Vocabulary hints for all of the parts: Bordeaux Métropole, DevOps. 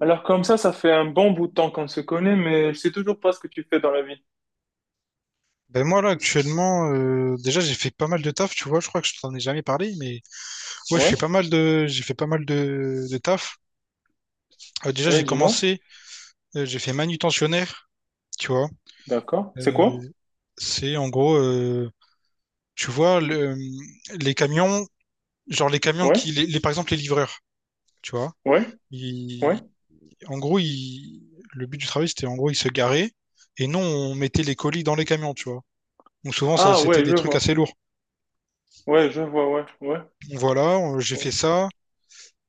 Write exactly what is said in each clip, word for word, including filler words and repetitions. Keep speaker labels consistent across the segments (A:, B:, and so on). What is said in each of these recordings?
A: Alors comme ça, ça fait un bon bout de temps qu'on se connaît, mais je sais toujours pas ce que tu fais dans la vie.
B: Ben moi là actuellement euh, déjà j'ai fait pas mal de taf tu vois je crois que je t'en ai jamais parlé mais ouais je
A: Ouais,
B: fais pas mal de j'ai fait pas mal de, de taf. Euh, déjà
A: ouais,
B: j'ai
A: dis-moi.
B: commencé euh, j'ai fait manutentionnaire tu vois.
A: D'accord. C'est quoi?
B: Euh, c'est en gros euh, tu vois le, les camions, genre les camions
A: Ouais,
B: qui les, les- par exemple les livreurs tu vois
A: ouais, ouais.
B: ils, en gros ils, le but du travail c'était en gros ils se garaient et nous on mettait les colis dans les camions tu vois, donc souvent ça
A: Ah
B: c'était
A: ouais,
B: des
A: je
B: trucs
A: vois.
B: assez lourds.
A: Ouais, je vois, ouais, ouais,
B: Voilà euh, j'ai
A: ouais.
B: fait ça.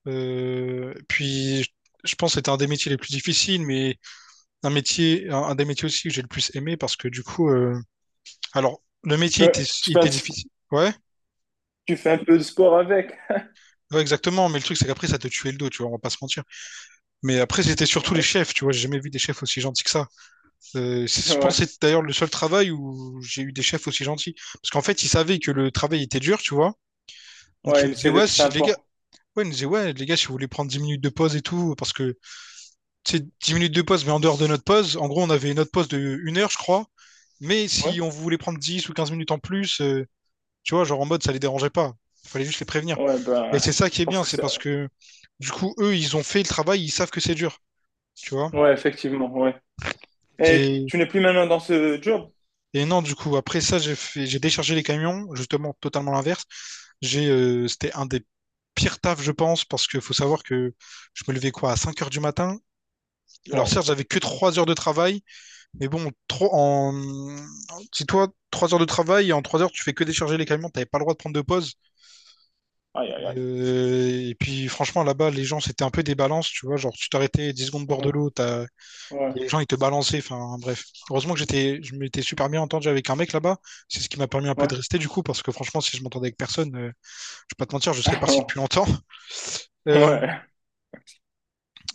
B: Euh, puis, je- pense que c'était un des métiers les plus difficiles, mais un métier, un, un des métiers aussi que j'ai le plus aimé parce que du coup, euh, alors, le métier était,
A: Ouais, Tu
B: il
A: fais un,
B: était
A: petit-
B: difficile. Ouais,
A: tu fais un peu de sport avec.
B: ouais, exactement. Mais le truc, c'est qu'après, ça te tuait le dos, tu vois, on va pas se mentir. Mais après, c'était surtout les chefs, tu vois, j'ai jamais vu des chefs aussi gentils que ça. Euh, c'est- je
A: Ouais, ouais,
B: pense que c'est d'ailleurs le seul travail où j'ai eu des chefs aussi gentils. Parce qu'en fait, ils savaient que le travail était dur, tu vois. Donc,
A: ouais,
B: ils
A: il
B: nous disaient,
A: essaie
B: ouais,
A: d'être
B: si les
A: sympa.
B: gars, ouais, ils nous disaient, ouais, les gars, si vous voulez prendre dix minutes de pause et tout, parce que c'est dix minutes de pause, mais en dehors de notre pause, en gros, on avait notre pause de une heure, je crois. Mais
A: Ouais,
B: si on voulait prendre dix ou quinze minutes en plus, euh, tu vois, genre en mode, ça les dérangeait pas. Il fallait juste les prévenir.
A: ouais,
B: Et c'est
A: ben,
B: ça qui est
A: parce
B: bien,
A: que
B: c'est parce
A: ça.
B: que du coup, eux, ils ont fait le travail, ils savent que c'est dur. Tu vois?
A: Ouais, effectivement, ouais. Et
B: C'est.
A: tu n'es plus maintenant dans ce job?
B: Et non, du coup, après ça, j'ai fait- j'ai déchargé les camions, justement, totalement l'inverse. J'ai, euh, c'était un des pires tafs, je pense, parce qu'il faut savoir que je me levais quoi, à cinq heures du matin. Alors, certes,
A: Wow.
B: j'avais que trois heures de travail, mais bon, trop en... si toi, trois heures de travail, et en trois heures, tu fais que décharger les camions, t'avais pas le droit de prendre de pause.
A: Aïe, aïe, aïe.
B: Euh, Et puis, franchement, là-bas, les gens, c'était un peu des balances, tu vois. Genre, tu t'arrêtais dix secondes bord de
A: Ouais,
B: l'eau, t'as...
A: ouais,
B: les gens, ils te balançaient. Enfin, bref. Heureusement que j'étais... je m'étais super bien entendu avec un mec là-bas. C'est ce qui m'a permis un peu
A: ouais.
B: de rester, du coup, parce que franchement, si je m'entendais avec personne, euh, je vais pas te mentir, je serais parti depuis longtemps. Euh,
A: Ouais.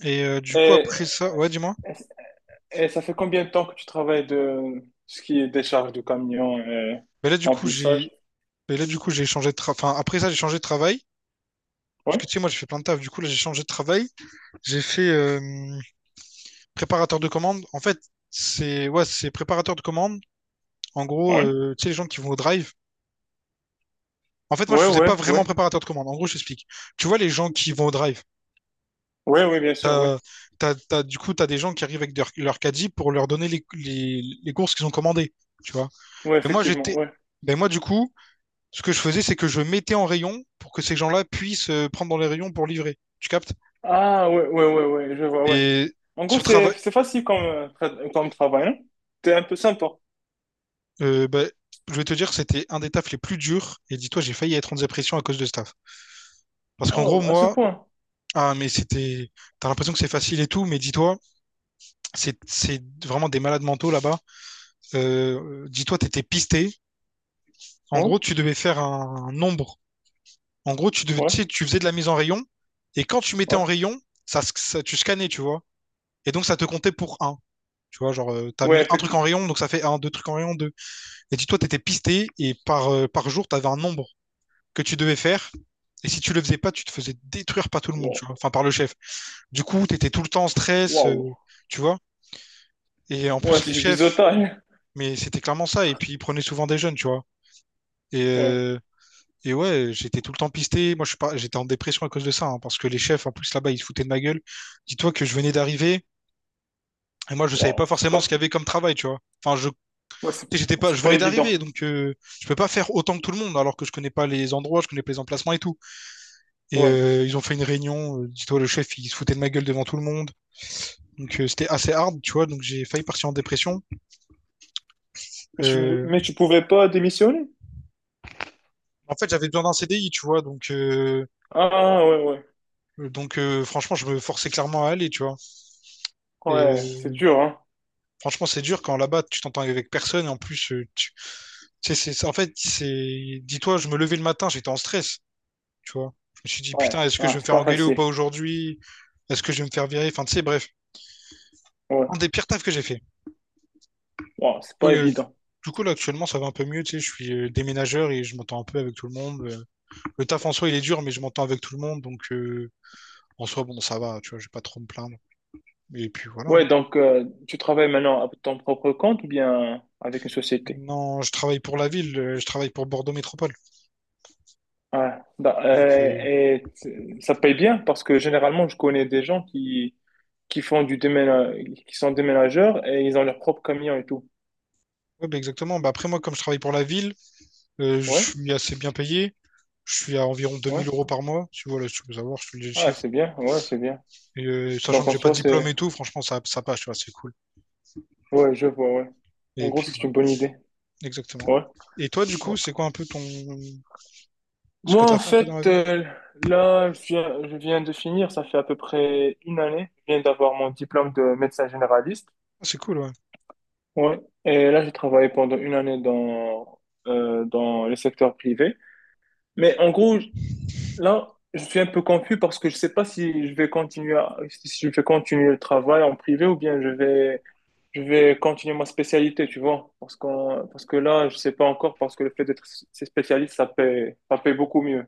B: et euh, du coup,
A: Et...
B: après ça, ouais, dis-moi.
A: Et ça fait combien de temps que tu travailles de ce qui est décharge de camion et
B: Mais là, du coup,
A: remplissage?
B: j'ai. Mais là, du coup, j'ai changé de tra- enfin, après ça, j'ai changé de travail. Parce
A: Oui,
B: que tu sais, moi, j'ai fait plein de taf. Du coup, là, j'ai changé de travail. J'ai fait euh, préparateur de commande. En fait, c'est ouais, c'est préparateur de commande. En gros,
A: oui,
B: euh, tu sais, les gens qui vont au drive. En fait, moi, je
A: oui,
B: faisais
A: oui,
B: pas
A: oui,
B: vraiment préparateur de commande. En gros, je t'explique. Tu vois, les gens qui vont au drive,
A: oui, oui, bien sûr, oui,
B: t'as, t'as, t'as- du coup, tu as des gens qui arrivent avec leur, leur caddie pour leur donner les, les, les courses qu'ils ont commandées. Tu vois.
A: oui,
B: Mais moi,
A: effectivement,
B: j'étais.
A: oui.
B: Ben moi, du coup, ce que je faisais, c'est que je mettais en rayon pour que ces gens-là puissent euh, prendre dans les rayons pour livrer. Tu captes?
A: Ah, oui, oui, oui, oui, je vois, oui.
B: Et
A: En gros,
B: ce
A: c'est
B: travail.
A: c'est facile comme, euh, tra- comme travail, hein? T'es un peu sympa.
B: Euh, bah, je vais te dire que c'était un des tafs les plus durs. Et dis-toi, j'ai failli être en dépression à cause de ce taf. Parce qu'en gros,
A: Oh, à ce
B: moi,
A: point.
B: ah, mais c'était. T'as l'impression que c'est facile et tout, mais dis-toi, c'est c'est vraiment des malades mentaux là-bas. Euh, dis-toi, t'étais pisté. En gros,
A: Oui,
B: tu devais faire un, un nombre. En gros, tu devais,
A: oui,
B: tu sais, tu faisais de la mise en rayon. Et quand tu mettais
A: oui,
B: en rayon, ça, sc- ça- tu scannais, tu vois. Et donc, ça te comptait pour un. Tu vois, genre, euh, t'as
A: oui,
B: mis un truc en
A: effectivement.
B: rayon, donc ça fait un, deux trucs en rayon, deux. Et dis-toi, t'étais pisté et par, euh, par jour, t'avais un nombre que tu devais faire. Et si tu le faisais pas, tu te faisais détruire par tout le monde,
A: Wow,
B: tu vois. Enfin, par le chef. Du coup, tu étais tout le temps en stress,
A: wow.
B: euh, tu vois. Et en
A: Ouais,
B: plus, les
A: c'est du
B: chefs,
A: biseautage.
B: mais c'était clairement ça. Et puis, ils prenaient souvent des jeunes, tu vois. Et,
A: Ouais,
B: euh, et ouais, j'étais tout le temps pisté. Moi, je suis pas, j'étais en dépression à cause de ça, hein, parce que les chefs, en plus, là-bas, ils se foutaient de ma gueule. Dis-toi que je venais d'arriver. Et moi, je savais pas
A: wow, c'est
B: forcément ce
A: pas,
B: qu'il y avait comme travail, tu vois. Enfin, je, tu
A: ouais, c'est
B: sais, j'étais pas,
A: c'est
B: je
A: pas
B: venais d'arriver,
A: évident.
B: donc euh, je peux pas faire autant que tout le monde, alors que je connais pas les endroits, je connais pas les emplacements et tout. Et
A: Ouais.
B: euh, ils ont fait une réunion. euh, Dis-toi, le chef, il se foutait de ma gueule devant tout le monde. Donc euh, c'était assez hard, tu vois. Donc j'ai failli partir en dépression.
A: Mais tu,
B: Euh,
A: mais tu pouvais pas démissionner?
B: en fait, j'avais besoin d'un C D I, tu vois. Donc, euh,
A: Ah, ouais, ouais.
B: donc euh, franchement, je me forçais clairement à aller, tu vois. Et
A: Ouais, c'est
B: euh,
A: dur, hein.
B: franchement, c'est dur quand là-bas, tu t'entends avec personne. Et en plus, euh, tu tu sais, c'est c'est- en fait, c'est. Dis-toi, je me levais le matin, j'étais en stress, tu vois. Je me suis dit,
A: Ouais,
B: putain, est-ce que je
A: ouais,
B: vais me
A: c'est
B: faire
A: pas
B: engueuler ou pas
A: facile.
B: aujourd'hui? Est-ce que je vais me faire virer? Enfin, tu sais, bref,
A: Ouais,
B: un des pires tafs que j'ai fait.
A: Ouais, c'est pas
B: Et euh,
A: évident.
B: du coup, là, actuellement, ça va un peu mieux. Tu sais, je suis euh, déménageur et je m'entends un peu avec tout le monde. Euh, Le taf en soi, il est dur, mais je m'entends avec tout le monde. Donc, euh, en soi, bon, ça va. Tu vois, je vais pas trop me plaindre. Et puis voilà,
A: Ouais,
B: hein.
A: donc euh, tu travailles maintenant à ton propre compte ou bien avec une société?
B: Non, je travaille pour la ville. Euh, je travaille pour Bordeaux Métropole.
A: Ouais. Da-
B: Donc,
A: euh,
B: euh,
A: et t- ça paye bien parce que généralement, je connais des gens qui, qui font du déména- qui sont déménageurs et ils ont leur propre camion et tout.
B: ouais, bah, exactement. Bah, après, moi, comme je travaille pour la ville, euh, je
A: Ouais,
B: suis assez bien payé. Je suis à environ deux
A: ouais.
B: mille euros par mois. Tu vois, là, si tu veux savoir, je te dis le
A: Ah,
B: chiffre.
A: c'est bien, ouais, c'est bien.
B: Et, euh, sachant
A: Donc
B: que
A: en
B: j'ai pas de
A: soi,
B: diplôme
A: c'est.
B: et tout, franchement, ça, ça passe. Tu vois, c'est cool.
A: Ouais, je vois, ouais. En
B: Et
A: gros,
B: puis,
A: c'est
B: voilà,
A: une bonne idée.
B: exactement.
A: Ouais.
B: Et toi, du coup, c'est quoi un peu ton, ce que
A: Moi, en
B: t'as fait un peu dans la
A: fait,
B: vie?
A: euh, là, je viens, je viens de finir, ça fait à peu près une année, je viens d'avoir mon diplôme de médecin généraliste.
B: Ah, c'est cool, ouais.
A: Ouais. Et là, j'ai travaillé pendant une année dans, euh, dans le secteur privé. Mais en gros, je- là, je suis un peu confus parce que je sais pas si je vais continuer, à- si je vais continuer le travail en privé ou bien je vais, je vais continuer ma spécialité, tu vois. Parce qu'on, parce que là, je sais pas encore parce que le fait d'être spécialiste, ça paye ça paye beaucoup mieux.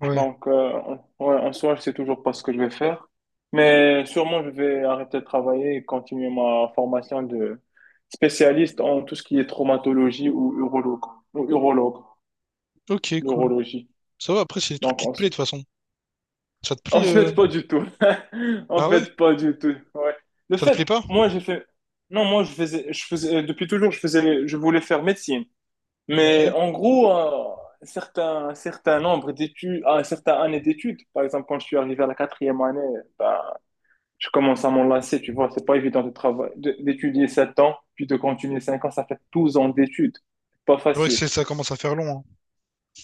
B: Ouais.
A: Donc, euh, en ouais, en soi, je sais toujours pas ce que je vais faire. Mais sûrement, je vais arrêter de travailler et continuer ma formation de spécialiste en tout ce qui est traumatologie ou urologue. Ou urologue,
B: Ok, cool.
A: neurologie.
B: Ça va, après, c'est des trucs
A: Donc,
B: qui te
A: en,
B: plaisent, de toute façon. Ça te
A: en
B: plaît, euh,
A: fait, pas du tout. En
B: ah ouais?
A: fait, pas du tout. Ouais. Le
B: Ça te plaît
A: fait,
B: pas?
A: moi, j'ai fait. Non, moi, je faisais, je faisais, euh, depuis toujours, je faisais, je voulais faire médecine.
B: Ok.
A: Mais
B: C'est
A: en gros, euh, un certain, un certain nombre d'études, un certain année d'études, par exemple, quand je suis arrivé à la quatrième année, ben, je commence à m'enlacer, tu vois, c'est pas évident de travailler, de- d'étudier sept ans, puis de continuer cinq ans, ça fait douze ans d'études. C'est Pas
B: vrai que
A: facile.
B: c'est, ça commence à faire long, hein.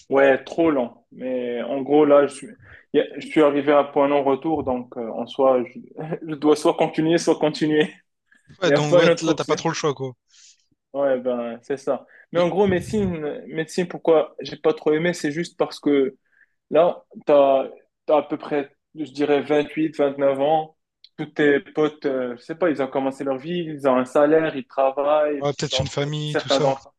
A: Ouais, trop lent. Mais en gros, là, je suis, y a- je suis arrivé à un point non-retour, donc euh, en soi, je, je dois soit continuer, soit continuer. Il
B: Ouais,
A: n'y a
B: donc,
A: pas une
B: ouais, t-
A: autre
B: là, t'as pas
A: option.
B: trop le choix, quoi.
A: Ouais, ben, c'est ça. Mais en
B: Et-
A: gros, médecine, médecine, pourquoi j'ai pas trop aimé, c'est juste parce que Là, tu as, à peu près, je dirais, vingt-huit vingt-neuf ans. Tous tes potes, euh, je sais pas, ils ont commencé leur vie, ils ont un salaire, ils travaillent.
B: ouais, peut-être une
A: D'entre-
B: famille, tout
A: certains
B: ça.
A: d'entre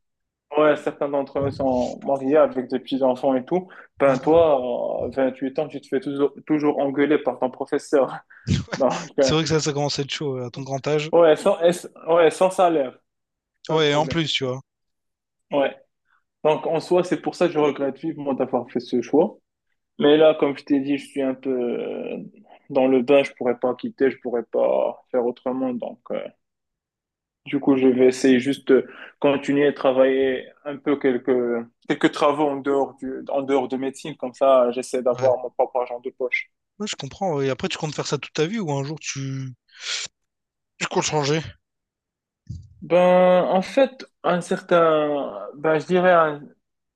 A: ouais, certains d'entre eux sont mariés avec des petits-enfants et tout. Ben,
B: Mhm.
A: toi, à huit ans, tu te fais toujours, toujours engueuler par ton professeur. Donc,
B: C'est
A: euh,
B: vrai que ça, ça commence à être chaud, ouais, à ton grand âge.
A: Ouais, sans, et- ouais, sans salaire, c'est ça le
B: Ouais, et en
A: problème.
B: plus, tu vois.
A: Ouais. Donc en soi, c'est pour ça que je regrette vivement d'avoir fait ce choix. Mais là, comme je t'ai dit, je suis un peu euh, dans le bain, je pourrais pas quitter, je pourrais pas faire autrement. Donc, euh, du coup, je vais essayer juste de continuer à travailler un peu quelques, quelques travaux en dehors du, en dehors de médecine. Comme ça, j'essaie
B: Ouais.
A: d'avoir mon propre argent de poche.
B: Ouais, je comprends, ouais. Et après, tu comptes faire ça toute ta vie ou un jour, tu... Tu comptes changer?
A: Ben, en fait, un certain, ben, je dirais un-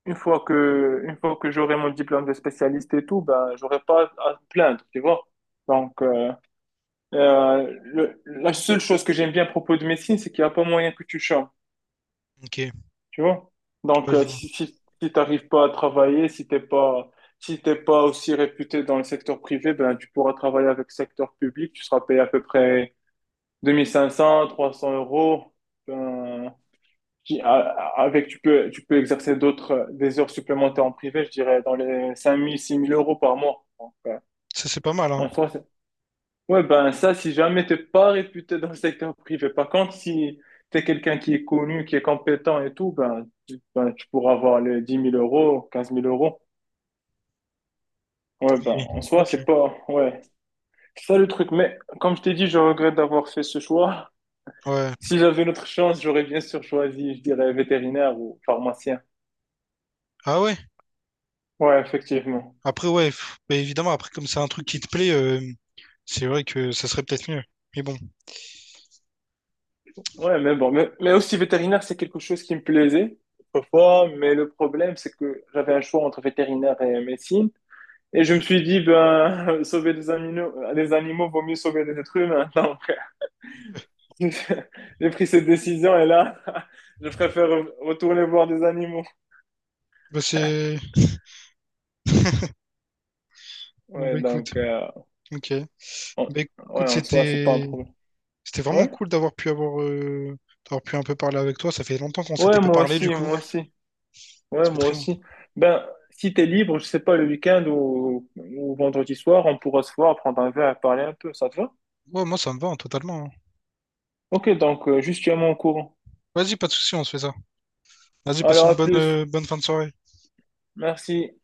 A: une fois que, une fois que j'aurai mon diplôme de spécialiste et tout, ben, j'aurai pas à me plaindre, tu vois. Donc, euh, Euh, le- la seule chose que j'aime bien à propos de médecine, c'est qu'il n'y a pas moyen que tu changes,
B: Ok.
A: tu vois. Donc,
B: Ouais, je
A: euh,
B: vois.
A: si, si, si t'arrives pas à travailler, si t'es pas, si t'es pas aussi réputé dans le secteur privé, ben, tu pourras travailler avec le secteur public, tu seras payé à peu près deux mille cinq cents, trois cents euros. Ben, qui- a- a- avec, tu peux, tu peux exercer d'autres, euh, des heures supplémentaires en privé, je dirais, dans les cinq mille, six mille euros par mois. Donc, euh,
B: Ça, c'est pas mal, hein.
A: en soi. Ouais, ben ça, si jamais t'es pas réputé dans le secteur privé. Par contre, si t'es quelqu'un qui est connu, qui est compétent et tout, ben tu, ben, tu pourras avoir les dix mille euros, quinze mille euros. Ouais, ben
B: Et-
A: en soi,
B: ok.
A: c'est pas. Ouais, c'est ça le truc. Mais comme je t'ai dit, je regrette d'avoir fait ce choix.
B: Ouais.
A: Si j'avais une autre chance, j'aurais bien sûr choisi, je dirais, vétérinaire ou pharmacien.
B: Ah ouais?
A: Ouais, effectivement.
B: Après, ouais, pff, bah, évidemment, après, comme c'est un truc qui te plaît... euh, c'est vrai que ça serait peut-être mieux. Mais bon,
A: Ouais, mais bon, mais, mais aussi vétérinaire, c'est quelque chose qui me plaisait autrefois, mais le problème, c'est que j'avais un choix entre vétérinaire et médecine. Et je me suis dit, ben, sauver des animaux, des animaux, vaut mieux sauver des êtres humains. Donc, j'ai pris cette décision et là, je préfère retourner voir des animaux.
B: bah c'est... ah
A: Ouais,
B: bah écoute,
A: donc, euh,
B: ok.
A: en-
B: Bah
A: ouais,
B: écoute,
A: en soi, c'est pas un
B: c'était...
A: problème.
B: C'était vraiment
A: Ouais,
B: cool d'avoir pu avoir... euh, d'avoir pu un peu parler avec toi. Ça fait longtemps qu'on s'était
A: ouais,
B: pas
A: moi
B: parlé,
A: aussi,
B: du coup.
A: moi aussi.
B: Ça
A: Ouais,
B: fait
A: moi
B: très longtemps.
A: aussi. Ben, si t'es libre, je sais pas, le week-end ou, ou vendredi soir, on pourra se voir, prendre un verre, parler un peu, ça te va?
B: Ouais, moi, ça me va, hein, totalement, hein.
A: Ok, donc, euh, juste tiens-moi au courant.
B: Vas-y, pas de souci, on se fait ça. Vas-y, passe
A: Alors,
B: une
A: à
B: bonne,
A: plus.
B: euh, bonne fin de soirée.
A: Merci.